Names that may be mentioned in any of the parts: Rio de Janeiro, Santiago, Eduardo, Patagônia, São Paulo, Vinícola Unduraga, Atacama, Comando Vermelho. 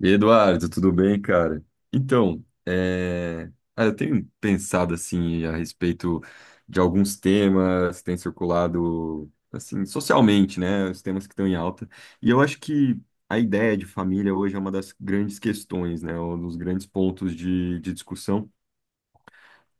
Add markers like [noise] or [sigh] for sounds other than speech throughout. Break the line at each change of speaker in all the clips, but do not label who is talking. E aí, Eduardo, tudo bem, cara? Então, eu tenho pensado assim a respeito de alguns temas que têm circulado assim socialmente, né? Os temas que estão em alta. E eu acho que a ideia de família hoje é uma das grandes questões, né? Um dos grandes pontos de discussão.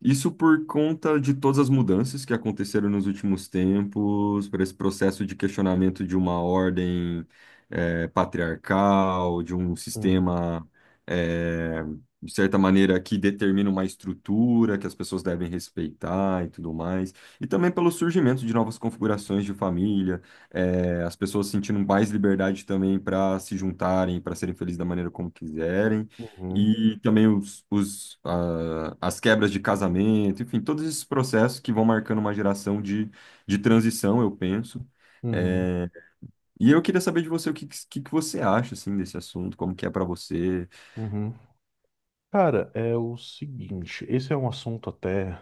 Isso por conta de todas as mudanças que aconteceram nos últimos tempos, por esse processo de questionamento de uma ordem patriarcal, de um
Uhum,
sistema, eh, de certa maneira, que determina uma estrutura que as pessoas devem respeitar e tudo mais. E também pelo surgimento de novas configurações de família, as pessoas sentindo mais liberdade também para se juntarem, para serem felizes da maneira como quiserem,
uhum,
e também as quebras de casamento, enfim, todos esses processos que vão marcando uma geração de transição, eu penso.
uhum,
É, e eu queria saber de você o que você acha assim, desse assunto, como que é para você.
uhum. Cara, é o seguinte, esse é um assunto até,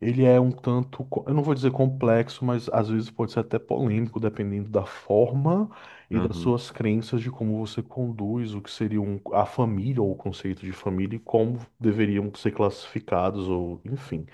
ele é um tanto, eu não vou dizer complexo, mas às vezes pode ser até polêmico, dependendo da forma e das
Aham,
suas crenças de como você conduz o que seria a família ou o conceito de família e como deveriam ser classificados ou enfim.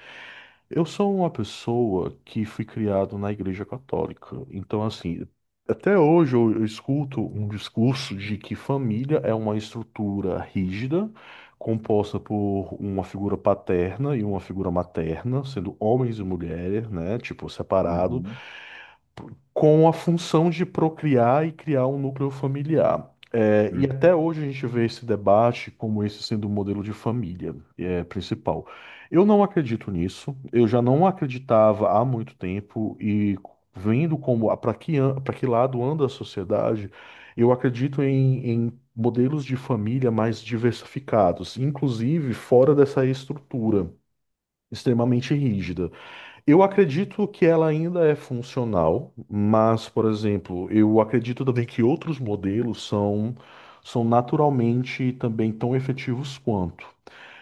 Eu sou uma pessoa que fui criado na Igreja Católica. Então, assim, até hoje eu escuto um discurso de que família é uma estrutura rígida, composta por uma figura paterna e uma figura materna, sendo homens e mulheres, né, tipo, separados
uhum,
com a função de procriar e criar um núcleo familiar. É, e
uhum,
até hoje a gente vê esse debate como esse sendo o modelo de família é, principal. Eu não acredito nisso, eu já não acreditava há muito tempo e vendo como para que, lado anda a sociedade, eu acredito em modelos de família mais diversificados, inclusive fora dessa estrutura extremamente rígida. Eu acredito que ela ainda é funcional, mas, por exemplo, eu acredito também que outros modelos são naturalmente também tão efetivos quanto.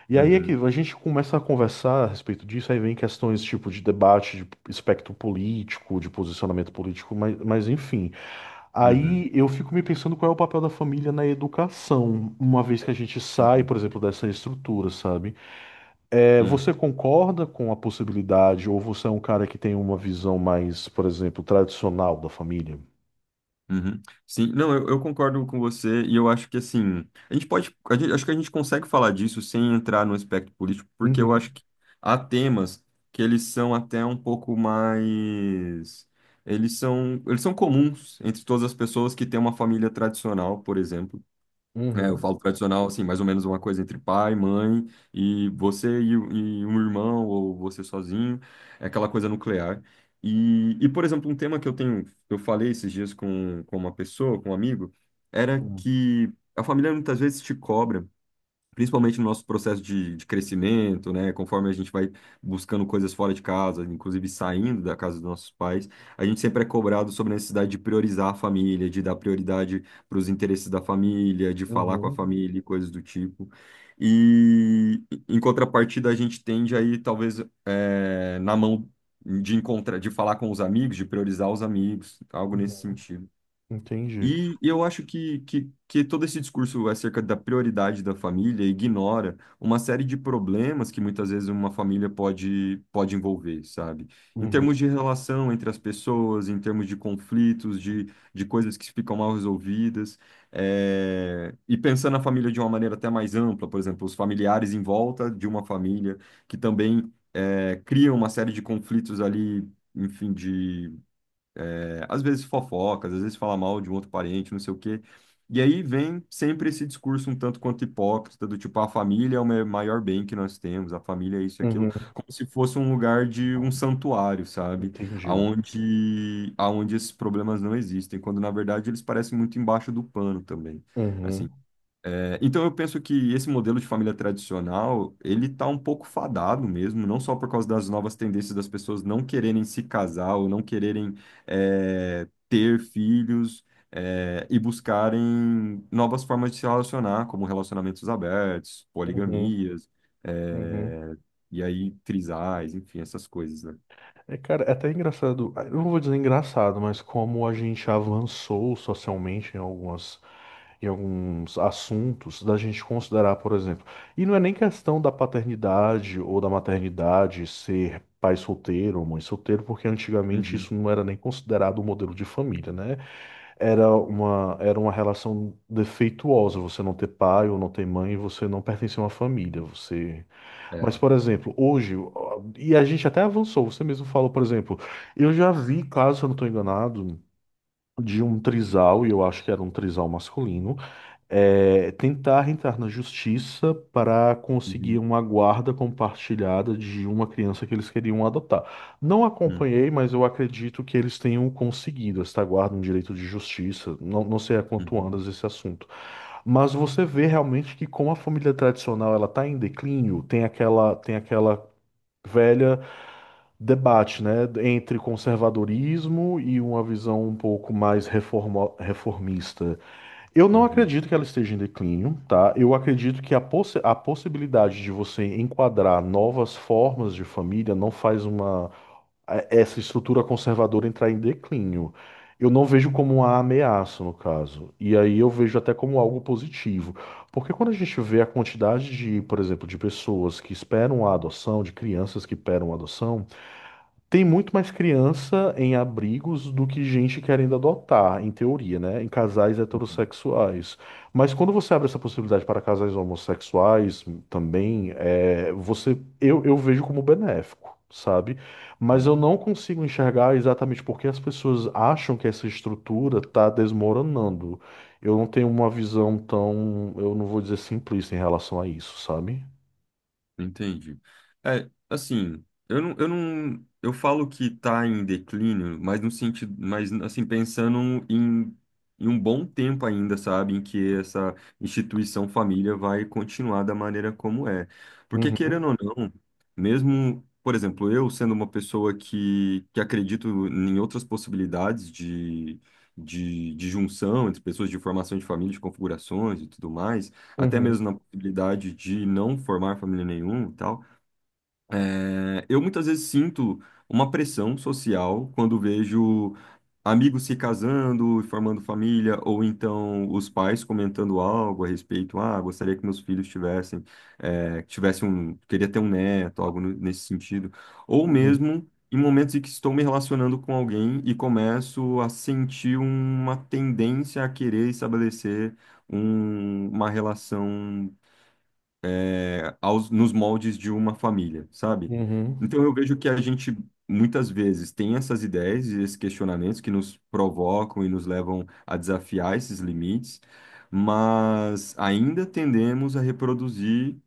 E aí é que
uhum,
a gente começa a conversar a respeito disso, aí vem questões tipo de debate, de espectro político, de posicionamento político, mas enfim.
uhum, uhum,
Aí eu fico me pensando qual é o papel da família na educação, uma vez que a gente sai,
uhum.
por exemplo, dessa estrutura, sabe? É,
Sim.
você concorda com a possibilidade, ou você é um cara que tem uma visão mais, por exemplo, tradicional da família?
Uhum. Sim, não, eu concordo com você e eu acho que assim, a gente pode, a gente- acho que a gente consegue falar disso sem entrar no aspecto político, porque eu acho
Uhum,
que há temas que eles são até um pouco mais, eles são comuns entre todas as pessoas que têm uma família tradicional, por exemplo. É, eu
uhum,
falo tradicional, assim, mais ou menos uma coisa entre pai, mãe, e você e um irmão, ou você sozinho, é aquela coisa nuclear. E, por exemplo, um tema que eu tenho, eu falei esses dias com uma pessoa, com um amigo, era
uhum,
que a família muitas vezes te cobra principalmente no nosso processo de crescimento, né? Conforme a gente vai buscando coisas fora de casa, inclusive saindo da casa dos nossos pais, a gente sempre é cobrado sobre a necessidade de priorizar a família, de dar prioridade para os interesses da família, de falar com a
uhum,
família e coisas do tipo. E em contrapartida, a gente tende aí, talvez, na mão de encontrar, de falar com os amigos, de priorizar os amigos, algo nesse
uhum.
sentido.
Entendi.
E eu acho que todo esse discurso acerca da prioridade da família ignora uma série de problemas que muitas vezes uma família pode envolver, sabe? Em
Uhum,
termos de relação entre as pessoas, em termos de conflitos, de coisas que ficam mal resolvidas. E pensando na família de uma maneira até mais ampla, por exemplo, os familiares em volta de uma família que também criam uma série de conflitos ali, enfim, às vezes fofocas, às vezes fala mal de um outro parente, não sei o quê. E aí vem sempre esse discurso um tanto quanto hipócrita, do tipo, a família é maior bem que nós temos, a família é isso e aquilo,
uhum.
como se fosse um lugar de um santuário, sabe?
Entendido.
Aonde esses problemas não existem, quando na verdade eles parecem muito embaixo do pano também. Assim,
Uhum,
é, então eu penso que esse modelo de família tradicional, ele tá um pouco fadado mesmo, não só por causa das novas tendências das pessoas não quererem se casar ou não quererem é, ter filhos é, e buscarem novas formas de se relacionar, como relacionamentos abertos,
uhum,
poligamias,
uhum.
é, e aí trisais, enfim, essas coisas, né?
É, cara, é até engraçado, ah, eu não vou dizer engraçado, mas como a gente avançou socialmente em algumas, em alguns assuntos, da gente considerar, por exemplo, e não é nem questão da paternidade ou da maternidade ser pai solteiro ou mãe solteiro, porque antigamente
Uhum,
isso não era nem considerado um modelo de família, né? Era uma relação defeituosa, você não ter pai ou não ter mãe, você não pertence a uma família, você Mas,
é.
por exemplo, hoje, ó, e a gente até avançou, você mesmo falou, por exemplo, eu já vi, caso eu não estou enganado, de um trisal, e eu acho que era um trisal masculino, é, tentar entrar na justiça para conseguir
Uhum,
uma guarda compartilhada de uma criança que eles queriam adotar. Não
uhum,
acompanhei, mas eu acredito que eles tenham conseguido esta guarda, um direito de justiça. Não, não sei a quanto
uhum,
andas esse assunto. Mas você vê realmente que como a família tradicional ela está em declínio, tem aquela velha debate, né, entre conservadorismo e uma visão um pouco mais reformista. Eu não
uhum,
acredito que ela esteja em declínio, tá? Eu acredito que a possibilidade de você enquadrar novas formas de família não faz uma essa estrutura conservadora entrar em declínio. Eu não vejo como uma ameaça, no caso. E aí eu vejo até como algo positivo. Porque quando a gente vê a quantidade de, por exemplo, de pessoas que esperam a adoção, de crianças que esperam a adoção, tem muito mais criança em abrigos do que gente querendo adotar, em teoria, né? Em casais
uhum,
heterossexuais. Mas quando você abre essa possibilidade para casais homossexuais também, é, você, eu vejo como benéfico, sabe? Mas
uhum.
eu não consigo enxergar exatamente porque as pessoas acham que essa estrutura está desmoronando. Eu não tenho uma visão tão, eu não vou dizer simplista em relação a isso, sabe?
Entendi. É, assim, eu não, eu falo que está em declínio, mas no sentido, mas assim, em um bom tempo ainda, sabe, em que essa instituição família vai continuar da maneira como é. Porque
Uhum,
querendo ou não, mesmo, por exemplo, eu sendo uma pessoa que acredito em outras possibilidades de junção entre pessoas, de formação de família, de configurações e tudo mais, até
uhum,
mesmo na possibilidade de não formar família nenhuma e tal, é, eu muitas vezes sinto uma pressão social quando vejo amigos se casando e formando família, ou então os pais comentando algo a respeito, ah, gostaria que meus filhos tivessem, é, tivessem um, queria ter um neto, algo nesse sentido, ou
uhum,
mesmo em momentos em que estou me relacionando com alguém e começo a sentir uma tendência a querer estabelecer uma relação é, aos, nos moldes de uma família, sabe?
uhum,
Então eu vejo que a gente muitas vezes tem essas ideias e esses questionamentos que nos provocam e nos levam a desafiar esses limites, mas ainda tendemos a reproduzir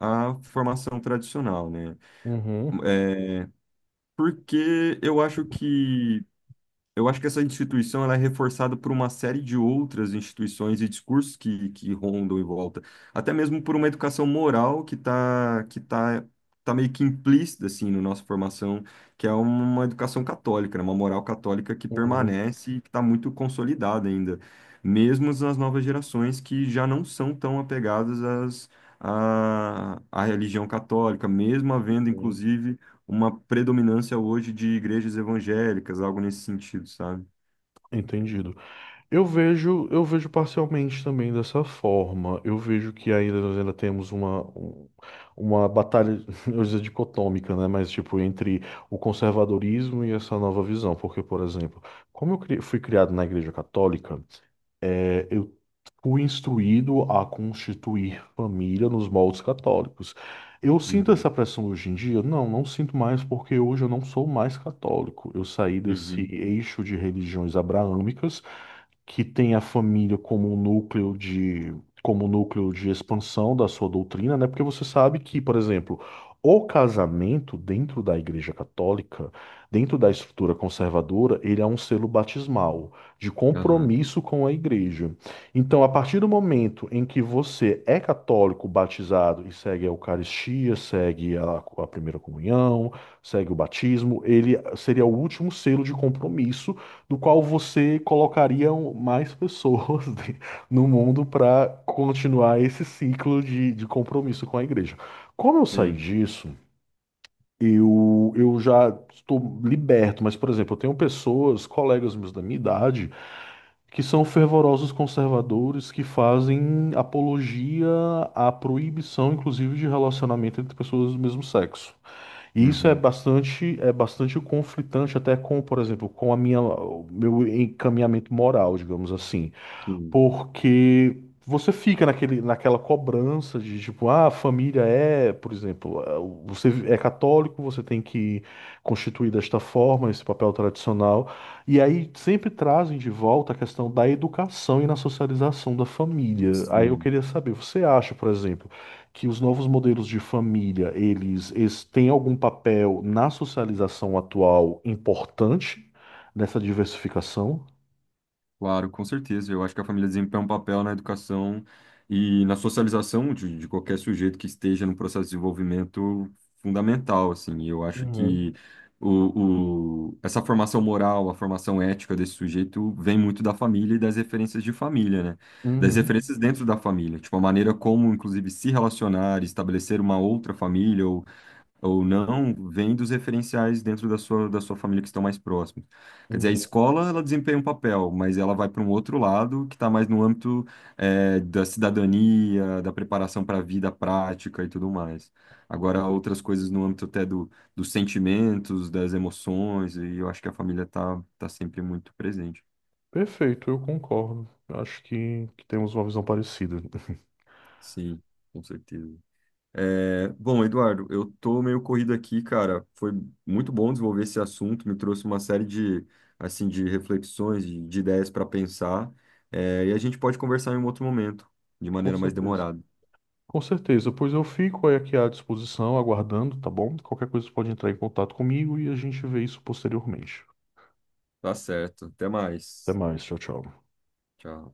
a formação tradicional, né?
uhum,
É, porque eu acho que essa instituição ela é reforçada por uma série de outras instituições e discursos que rondam em volta, até mesmo por uma educação moral que está que tá, tá meio que implícita assim na nossa formação, que é uma educação católica, né? Uma moral católica que
uhum.
permanece e que está muito consolidada ainda, mesmo nas novas gerações que já não são tão apegadas às, à religião católica, mesmo havendo,
Hum.
inclusive, uma predominância hoje de igrejas evangélicas, algo nesse sentido, sabe?
Entendido. Eu vejo parcialmente também dessa forma. Eu vejo que ainda nós ainda temos uma, uma batalha, [laughs] eu ia dizer dicotômica, né? Mas tipo, entre o conservadorismo e essa nova visão. Porque, por exemplo, como eu fui criado na Igreja Católica, é, eu fui instruído a constituir família nos moldes católicos. Eu sinto
Uhum,
essa pressão hoje em dia? Não, não sinto mais, porque hoje eu não sou mais católico. Eu saí desse
uhum,
eixo de religiões abraâmicas que tem a família como um núcleo de como um núcleo de expansão da sua doutrina, né? Porque você sabe que, por exemplo, o casamento dentro da Igreja Católica, dentro da estrutura conservadora, ele é um selo batismal de
aham.
compromisso com a Igreja. Então, a partir do momento em que você é católico, batizado e segue a Eucaristia, segue a primeira comunhão, segue o batismo, ele seria o último selo de compromisso do qual você colocaria mais pessoas [laughs] no mundo para continuar esse ciclo de compromisso com a igreja. Como eu saí
Sim.
disso, eu já estou liberto, mas, por exemplo, eu tenho pessoas, colegas meus da minha idade, que são fervorosos conservadores que fazem apologia à proibição, inclusive, de relacionamento entre pessoas do mesmo sexo. E isso
Uhum,
é bastante conflitante até com, por exemplo, com a minha, o meu encaminhamento moral, digamos assim.
sim,
Porque você fica naquele, naquela cobrança de tipo, ah, a família é, por exemplo, ah, você é católico, você tem que constituir desta forma esse papel tradicional. E aí sempre trazem de volta a questão da educação e na socialização da família. Aí eu
sim.
queria saber, você acha, por exemplo, que os novos modelos de família, eles têm algum papel na socialização atual importante nessa diversificação?
Claro, com certeza. Eu acho que a família desempenha um papel na educação e na socialização de qualquer sujeito que esteja no processo de desenvolvimento fundamental, assim. E eu acho
Uhum,
que essa formação moral, a formação ética desse sujeito vem muito da família e das referências de família, né? Das
uhum,
referências dentro da família, tipo a maneira como, inclusive, se relacionar, estabelecer uma outra família ou não, vem dos referenciais dentro da da sua família que estão mais próximos. Quer dizer, a
uhum.
escola, ela desempenha um papel, mas ela vai para um outro lado que está mais no âmbito, da cidadania, da preparação para a vida prática e tudo mais. Agora,
Perfeito,
outras coisas no âmbito até dos sentimentos, das emoções, e eu acho que a família tá sempre muito presente.
Perfeito, eu concordo. Acho que temos uma visão parecida. [laughs]
Sim, com certeza. É, bom, Eduardo, eu tô meio corrido aqui, cara. Foi muito bom desenvolver esse assunto, me trouxe uma série de, assim, de reflexões, de ideias para pensar. É, e a gente pode conversar em um outro momento, de
Com
maneira mais
certeza.
demorada.
Com certeza, pois eu fico aí aqui à disposição, aguardando, tá bom? Qualquer coisa você pode entrar em contato comigo e a gente vê isso posteriormente.
Tá certo. Até
Até
mais.
mais, tchau, tchau.
Tchau.